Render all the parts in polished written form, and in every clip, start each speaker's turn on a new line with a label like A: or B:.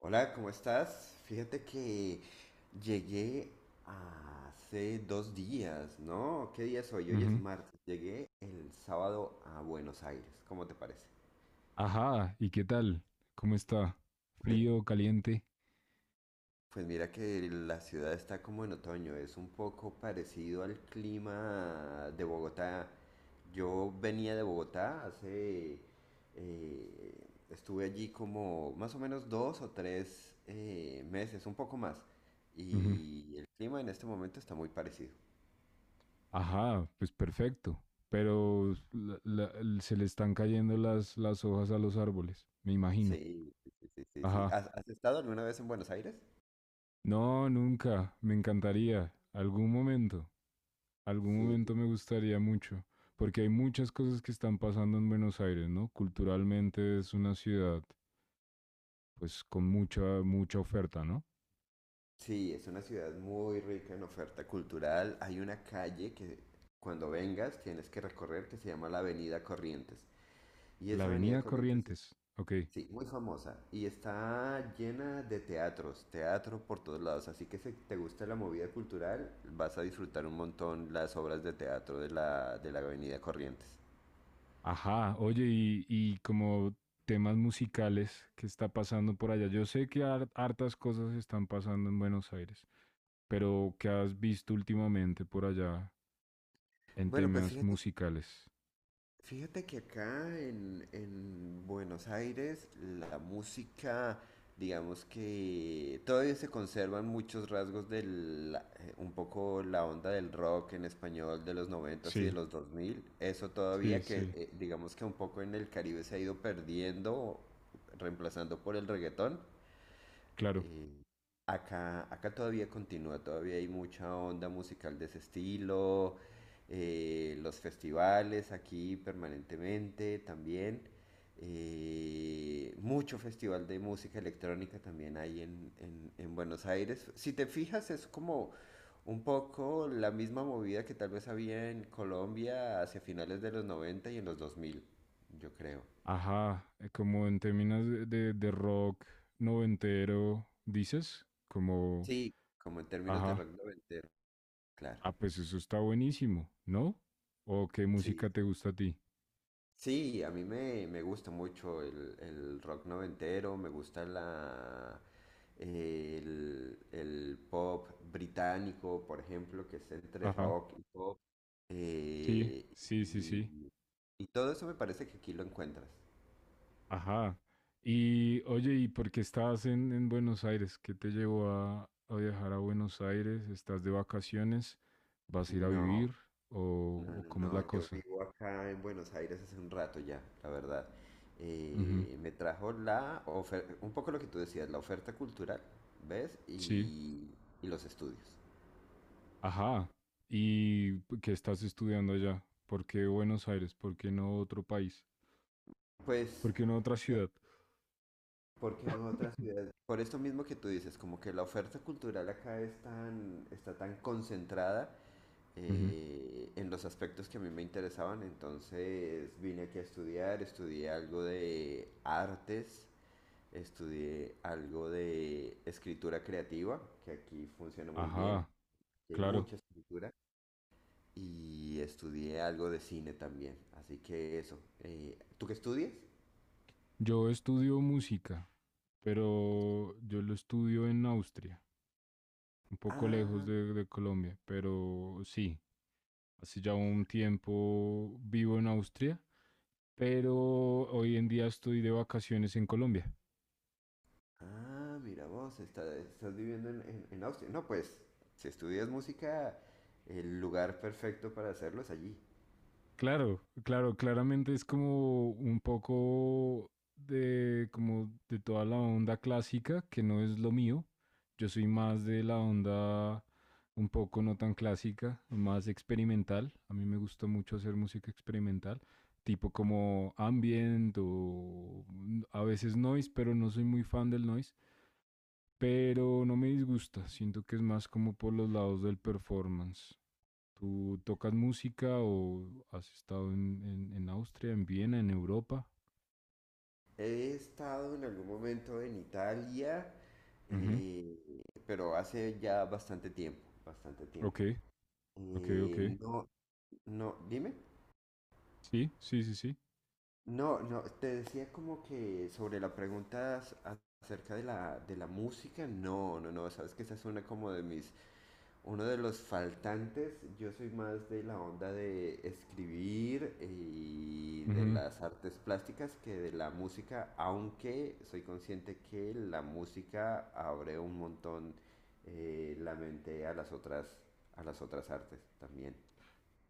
A: Hola, ¿cómo estás? Fíjate que llegué hace dos días, ¿no? ¿Qué día es hoy? Hoy es
B: Ujú.
A: martes. Llegué el sábado a Buenos Aires. ¿Cómo te parece?
B: Ajá, ¿y qué tal? ¿Cómo está? ¿Frío, caliente?
A: Pues mira que la ciudad está como en otoño, es un poco parecido al clima de Bogotá. Yo venía de Bogotá hace, eh, estuve allí como más o menos dos o tres meses, un poco más.
B: Ujú.
A: Y el clima en este momento está muy parecido.
B: Ajá, pues perfecto. Pero se le están cayendo las hojas a los árboles, me imagino.
A: Sí, sí, sí, sí, sí.
B: Ajá.
A: ¿Has estado alguna vez en Buenos Aires?
B: No, nunca. Me encantaría. Algún momento. Algún
A: Sí,
B: momento me gustaría mucho. Porque hay muchas cosas que están pasando en Buenos Aires, ¿no? Culturalmente es una ciudad, pues, con mucha oferta, ¿no?
A: sí, es una ciudad muy rica en oferta cultural. Hay una calle que cuando vengas tienes que recorrer que se llama la Avenida Corrientes. Y
B: La
A: esa Avenida
B: Avenida
A: Corrientes es,
B: Corrientes. Ok.
A: sí, muy famosa y está llena de teatros, teatro por todos lados. Así que si te gusta la movida cultural, vas a disfrutar un montón las obras de teatro de la Avenida Corrientes.
B: Ajá, oye, y como temas musicales, ¿qué está pasando por allá? Yo sé que hartas cosas están pasando en Buenos Aires, pero ¿qué has visto últimamente por allá en
A: Bueno, pues
B: temas
A: fíjate
B: musicales?
A: Fíjate que acá en Buenos Aires la música, digamos que todavía se conservan muchos rasgos del, un poco la onda del rock en español de los noventas y de
B: Sí,
A: los 2000. Eso
B: sí,
A: todavía que
B: sí,
A: digamos que un poco en el Caribe se ha ido perdiendo, reemplazando por el reggaetón.
B: claro.
A: Eh, acá todavía continúa, todavía hay mucha onda musical de ese estilo, los festivales aquí permanentemente también, mucho festival de música electrónica también hay en Buenos Aires. Si te fijas, es como un poco la misma movida que tal vez había en Colombia hacia finales de los 90 y en los 2000 yo creo.
B: Ajá, como en términos de, de rock noventero, dices, como,
A: Sí, como en términos de
B: ajá,
A: rock noventero, claro.
B: ah, pues eso está buenísimo, ¿no? ¿O qué
A: Sí,
B: música te gusta a ti?
A: sí, a mí me gusta mucho el rock noventero, me gusta el pop británico, por ejemplo, que es entre
B: Ajá,
A: rock y pop.
B: sí,
A: eh,
B: sí, sí, sí.
A: y, y todo eso me parece que aquí lo encuentras.
B: Ajá. Y oye, ¿y por qué estás en Buenos Aires? ¿Qué te llevó a viajar a Buenos Aires? ¿Estás de vacaciones? ¿Vas a ir a
A: No,
B: vivir?
A: no,
B: O
A: no,
B: cómo es
A: no,
B: la
A: yo
B: cosa?
A: vivo acá en Buenos Aires hace un rato ya, la verdad.
B: Ujú.
A: Me trajo la oferta, un poco lo que tú decías, la oferta cultural, ¿ves?
B: Sí.
A: Y los estudios.
B: Ajá. ¿Y qué estás estudiando allá? ¿Por qué Buenos Aires? ¿Por qué no otro país?
A: Pues,
B: ¿Por qué no otra
A: eh,
B: ciudad?
A: ¿por qué no otras ciudades? Por esto mismo que tú dices, como que la oferta cultural acá es tan, está tan concentrada
B: Ujú.
A: en los aspectos que a mí me interesaban, entonces vine aquí a estudiar, estudié algo de artes, estudié algo de escritura creativa, que aquí funciona muy bien,
B: Ajá,
A: que hay
B: claro.
A: mucha escritura, y estudié algo de cine también, así que eso. ¿Tú qué estudias?
B: Yo estudio música, pero yo lo estudio en Austria, un poco lejos
A: Ah,
B: de Colombia, pero sí. Hace ya un tiempo vivo en Austria, pero hoy en día estoy de vacaciones en Colombia.
A: ah, mira vos, estás viviendo en, en Austria. No, pues, si estudias música, el lugar perfecto para hacerlo es allí.
B: Claro, claro, claramente es como un poco de como de toda la onda clásica, que no es lo mío. Yo soy más de la onda un poco no tan clásica, más experimental. A mí me gusta mucho hacer música experimental, tipo como ambient o a veces noise, pero no soy muy fan del noise, pero no me disgusta. Siento que es más como por los lados del performance. ¿Tú tocas música o has estado en Austria, en Viena, en Europa?
A: He estado en algún momento en Italia,
B: Ujú.
A: pero hace ya bastante tiempo, bastante
B: Ok,
A: tiempo.
B: ok, ok.
A: No, no, dime.
B: Sí, sí, sí, sí.
A: No, no, te decía como que sobre la pregunta acerca de la música, no, no, no, sabes que esa es una como de mis. Uno de los faltantes, yo soy más de la onda de escribir y de
B: Ujú.
A: las artes plásticas que de la música, aunque soy consciente que la música abre un montón la mente a las otras artes también.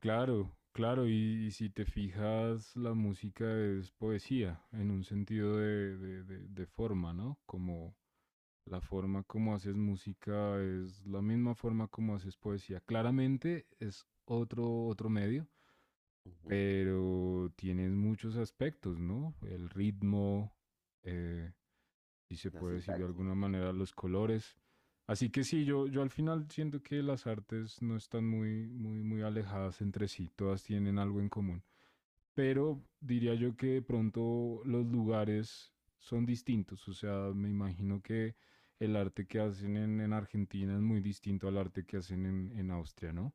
B: Claro, claro. Y si te fijas, la música es poesía en un sentido de, de forma, ¿no? Como la forma como haces música es la misma forma como haces poesía. Claramente es otro, otro medio,
A: Ujú.
B: pero tienes muchos aspectos, ¿no? El ritmo, eh, si se
A: La
B: puede decir de
A: sintaxis.
B: alguna manera, los colores. Así que sí, yo al final siento que las artes no están muy alejadas entre sí, todas tienen algo en común. Pero diría yo que de pronto los lugares son distintos, o sea, me imagino que el arte que hacen en Argentina es muy distinto al arte que hacen en Austria, ¿no?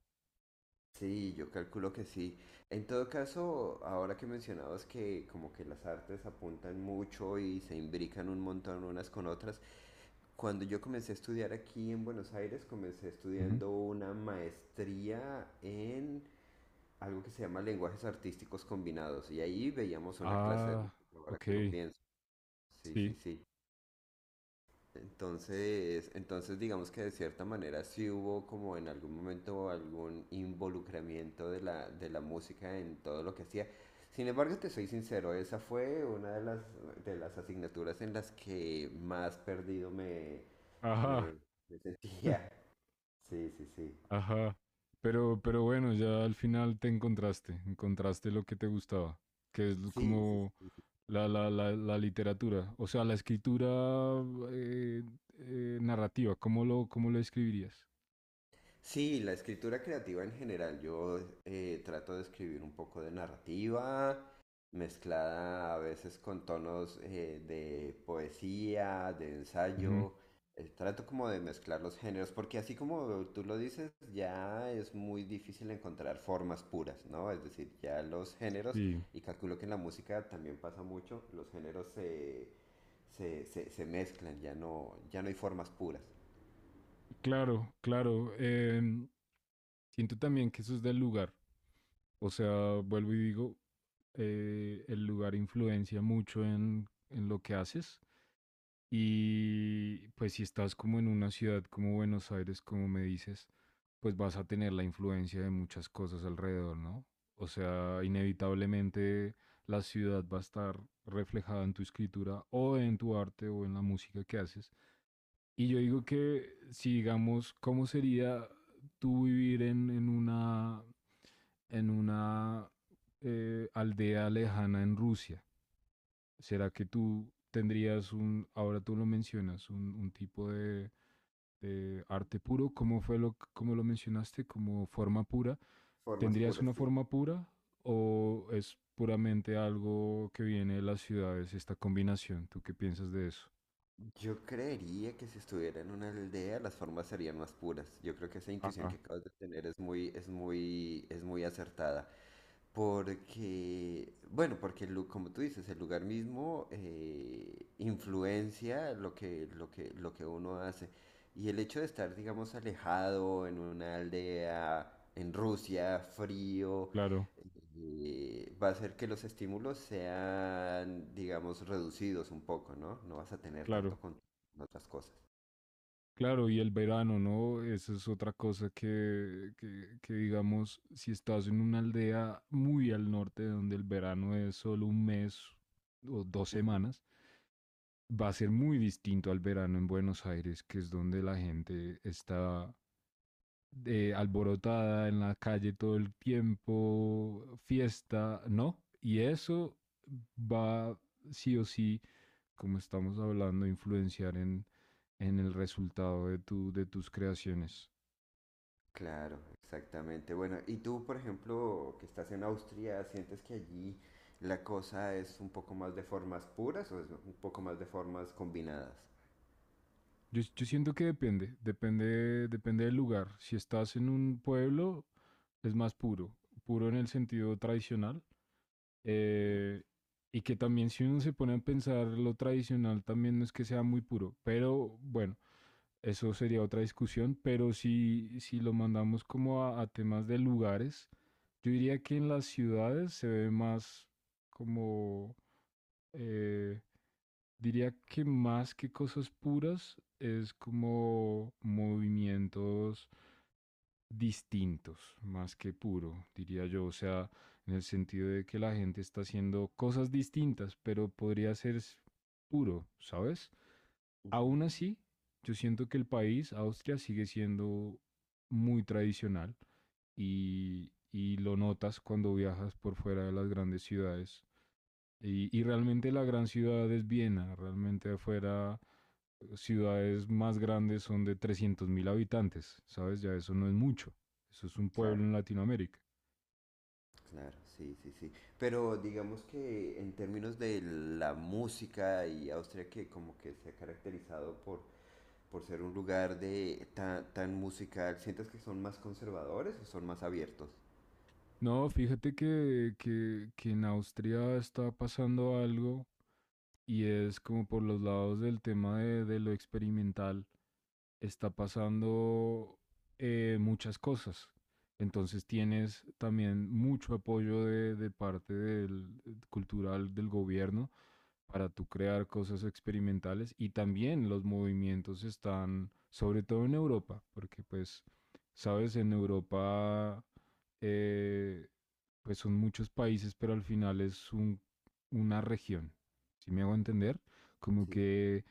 A: Sí, yo calculo que sí. En todo caso, ahora que mencionabas que como que las artes apuntan mucho y se imbrican un montón unas con otras, cuando yo comencé a estudiar aquí en Buenos Aires, comencé
B: Ujú.
A: estudiando una maestría en algo que se llama lenguajes artísticos combinados. Y ahí veíamos una clase de
B: Ah,
A: música, ahora
B: ok,
A: que lo pienso. Sí, sí,
B: sí.
A: sí. Entonces, digamos que de cierta manera sí hubo como en algún momento algún involucramiento de la música en todo lo que hacía. Sin embargo, te soy sincero, esa fue una de las asignaturas en las que más perdido
B: Ajá.
A: me, me sentía. Sí, sí, sí.
B: Ajá. Pero bueno, ya al final te encontraste, encontraste lo que te gustaba, que es
A: Sí, sí,
B: como
A: sí.
B: la literatura, o sea, la escritura eh, narrativa, cómo lo escribirías?
A: Sí, la escritura creativa en general. Yo trato de escribir un poco de narrativa, mezclada a veces con tonos de poesía, de
B: Ujú.
A: ensayo. Trato como de mezclar los géneros, porque así como tú lo dices, ya es muy difícil encontrar formas puras, ¿no? Es decir, ya los géneros,
B: Sí,
A: y calculo que en la música también pasa mucho, los géneros se mezclan, ya no, ya no hay formas puras.
B: claro, claro. Siento también que eso es del lugar, o sea, vuelvo y digo, el lugar influencia mucho en lo que haces. Y pues si estás como en una ciudad como Buenos Aires, como me dices, pues vas a tener la influencia de muchas cosas alrededor, ¿no? O sea, inevitablemente la ciudad va a estar reflejada en tu escritura o en tu arte o en la música que haces. Y yo digo que si digamos, ¿cómo sería tú vivir en una aldea lejana en Rusia? ¿Será que tú tendrías un, ahora tú lo mencionas, un tipo de arte puro? ¿Cómo fue lo, cómo lo mencionaste? ¿Como forma pura?
A: Formas
B: ¿Tendrías
A: puras,
B: una
A: sí.
B: forma pura o es puramente algo que viene de las ciudades, esta combinación? ¿Tú qué piensas de eso?
A: Yo creería que si estuviera en una aldea las formas serían más puras. Yo creo que esa intuición
B: Ajá,
A: que acabas de tener es muy, es muy, es muy acertada. Porque, bueno, porque como tú dices, el lugar mismo influencia lo que, lo que, lo que uno hace. Y el hecho de estar, digamos, alejado en una aldea, en Rusia, frío,
B: claro,
A: y va a hacer que los estímulos sean, digamos, reducidos un poco, ¿no? No vas a tener tanto
B: claro.
A: contacto con otras cosas.
B: Claro, y el verano, ¿no? Eso es otra cosa que, digamos, si estás en una aldea muy al norte, donde el verano es solo un mes o dos
A: Ujú.
B: semanas, va a ser muy distinto al verano en Buenos Aires, que es donde la gente está alborotada en la calle todo el tiempo, fiesta, ¿no? Y eso va sí o sí, como estamos hablando, a influenciar en el resultado de, tu, de tus creaciones.
A: Claro, exactamente. Bueno, y tú, por ejemplo, que estás en Austria, ¿sientes que allí la cosa es un poco más de formas puras o es un poco más de formas combinadas?
B: Yo siento que depende del lugar. Si estás en un pueblo, es más puro, puro en el sentido tradicional.
A: Ujú,
B: eh, y que también si uno se pone a pensar lo tradicional, también no es que sea muy puro, pero bueno, eso sería otra discusión. Pero si, si lo mandamos como a temas de lugares, yo diría que en las ciudades se ve más como, eh, diría que más que cosas puras, es como movimientos distintos, más que puro, diría yo. O sea, en el sentido de que la gente está haciendo cosas distintas, pero podría ser puro, ¿sabes?
A: ujú.
B: Aún así, yo siento que el país, Austria, sigue siendo muy tradicional y lo notas cuando viajas por fuera de las grandes ciudades. Y realmente la gran ciudad es Viena, realmente afuera ciudades más grandes son de 300.000 habitantes, ¿sabes? Ya eso no es mucho, eso es un pueblo
A: Claro,
B: en Latinoamérica.
A: claro, sí, sí, sí. Pero digamos que en términos de la música y Austria que como que se ha caracterizado por ser un lugar de tan, tan musical, ¿sientes que son más conservadores o son más abiertos?
B: No, fíjate que en Austria está pasando algo y es como por los lados del tema de lo experimental está pasando muchas cosas. Entonces tienes también mucho apoyo de parte del, cultural del gobierno para tú crear cosas experimentales y también los movimientos están, sobre todo en Europa, porque pues, sabes, en Europa eh, pues son muchos países, pero al final es un, una región, si me hago entender, como
A: Sí.
B: que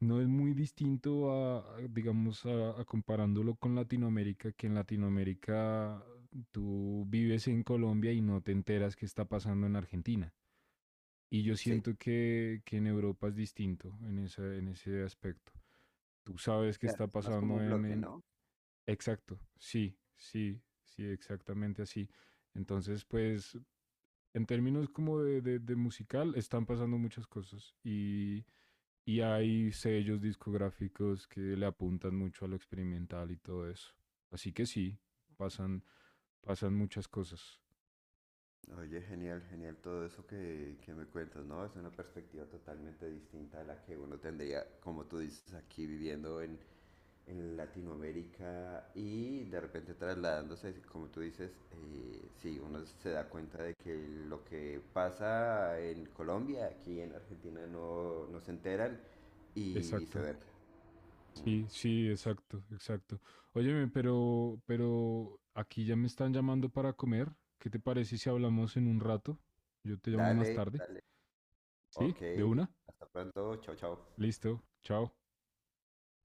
B: no es muy distinto a, digamos, a comparándolo con Latinoamérica, que en Latinoamérica tú vives en Colombia y no te enteras qué está pasando en Argentina. Y yo
A: Sí,
B: siento que en Europa es distinto en ese aspecto. Tú sabes qué
A: claro,
B: está
A: es más como
B: pasando
A: un bloque,
B: en...
A: ¿no?
B: Exacto, sí, sí, sí, exactamente así. Entonces, pues en términos como de, de musical, están pasando muchas cosas y hay sellos discográficos que le apuntan mucho a lo experimental y todo eso. Así que sí, pasan, pasan muchas cosas.
A: Oye, genial, genial todo eso que me cuentas, ¿no? Es una perspectiva totalmente distinta a la que uno tendría, como tú dices, aquí viviendo en Latinoamérica y de repente trasladándose, como tú dices, sí, uno se da cuenta de que lo que pasa en Colombia, aquí en Argentina no, no se enteran y
B: Exacto.
A: viceversa.
B: Sí, sí, exacto, exacto. Óyeme, pero aquí ya me están llamando para comer. ¿Qué te parece
A: Dale, dale. Ok. Hasta pronto. Chao, chao.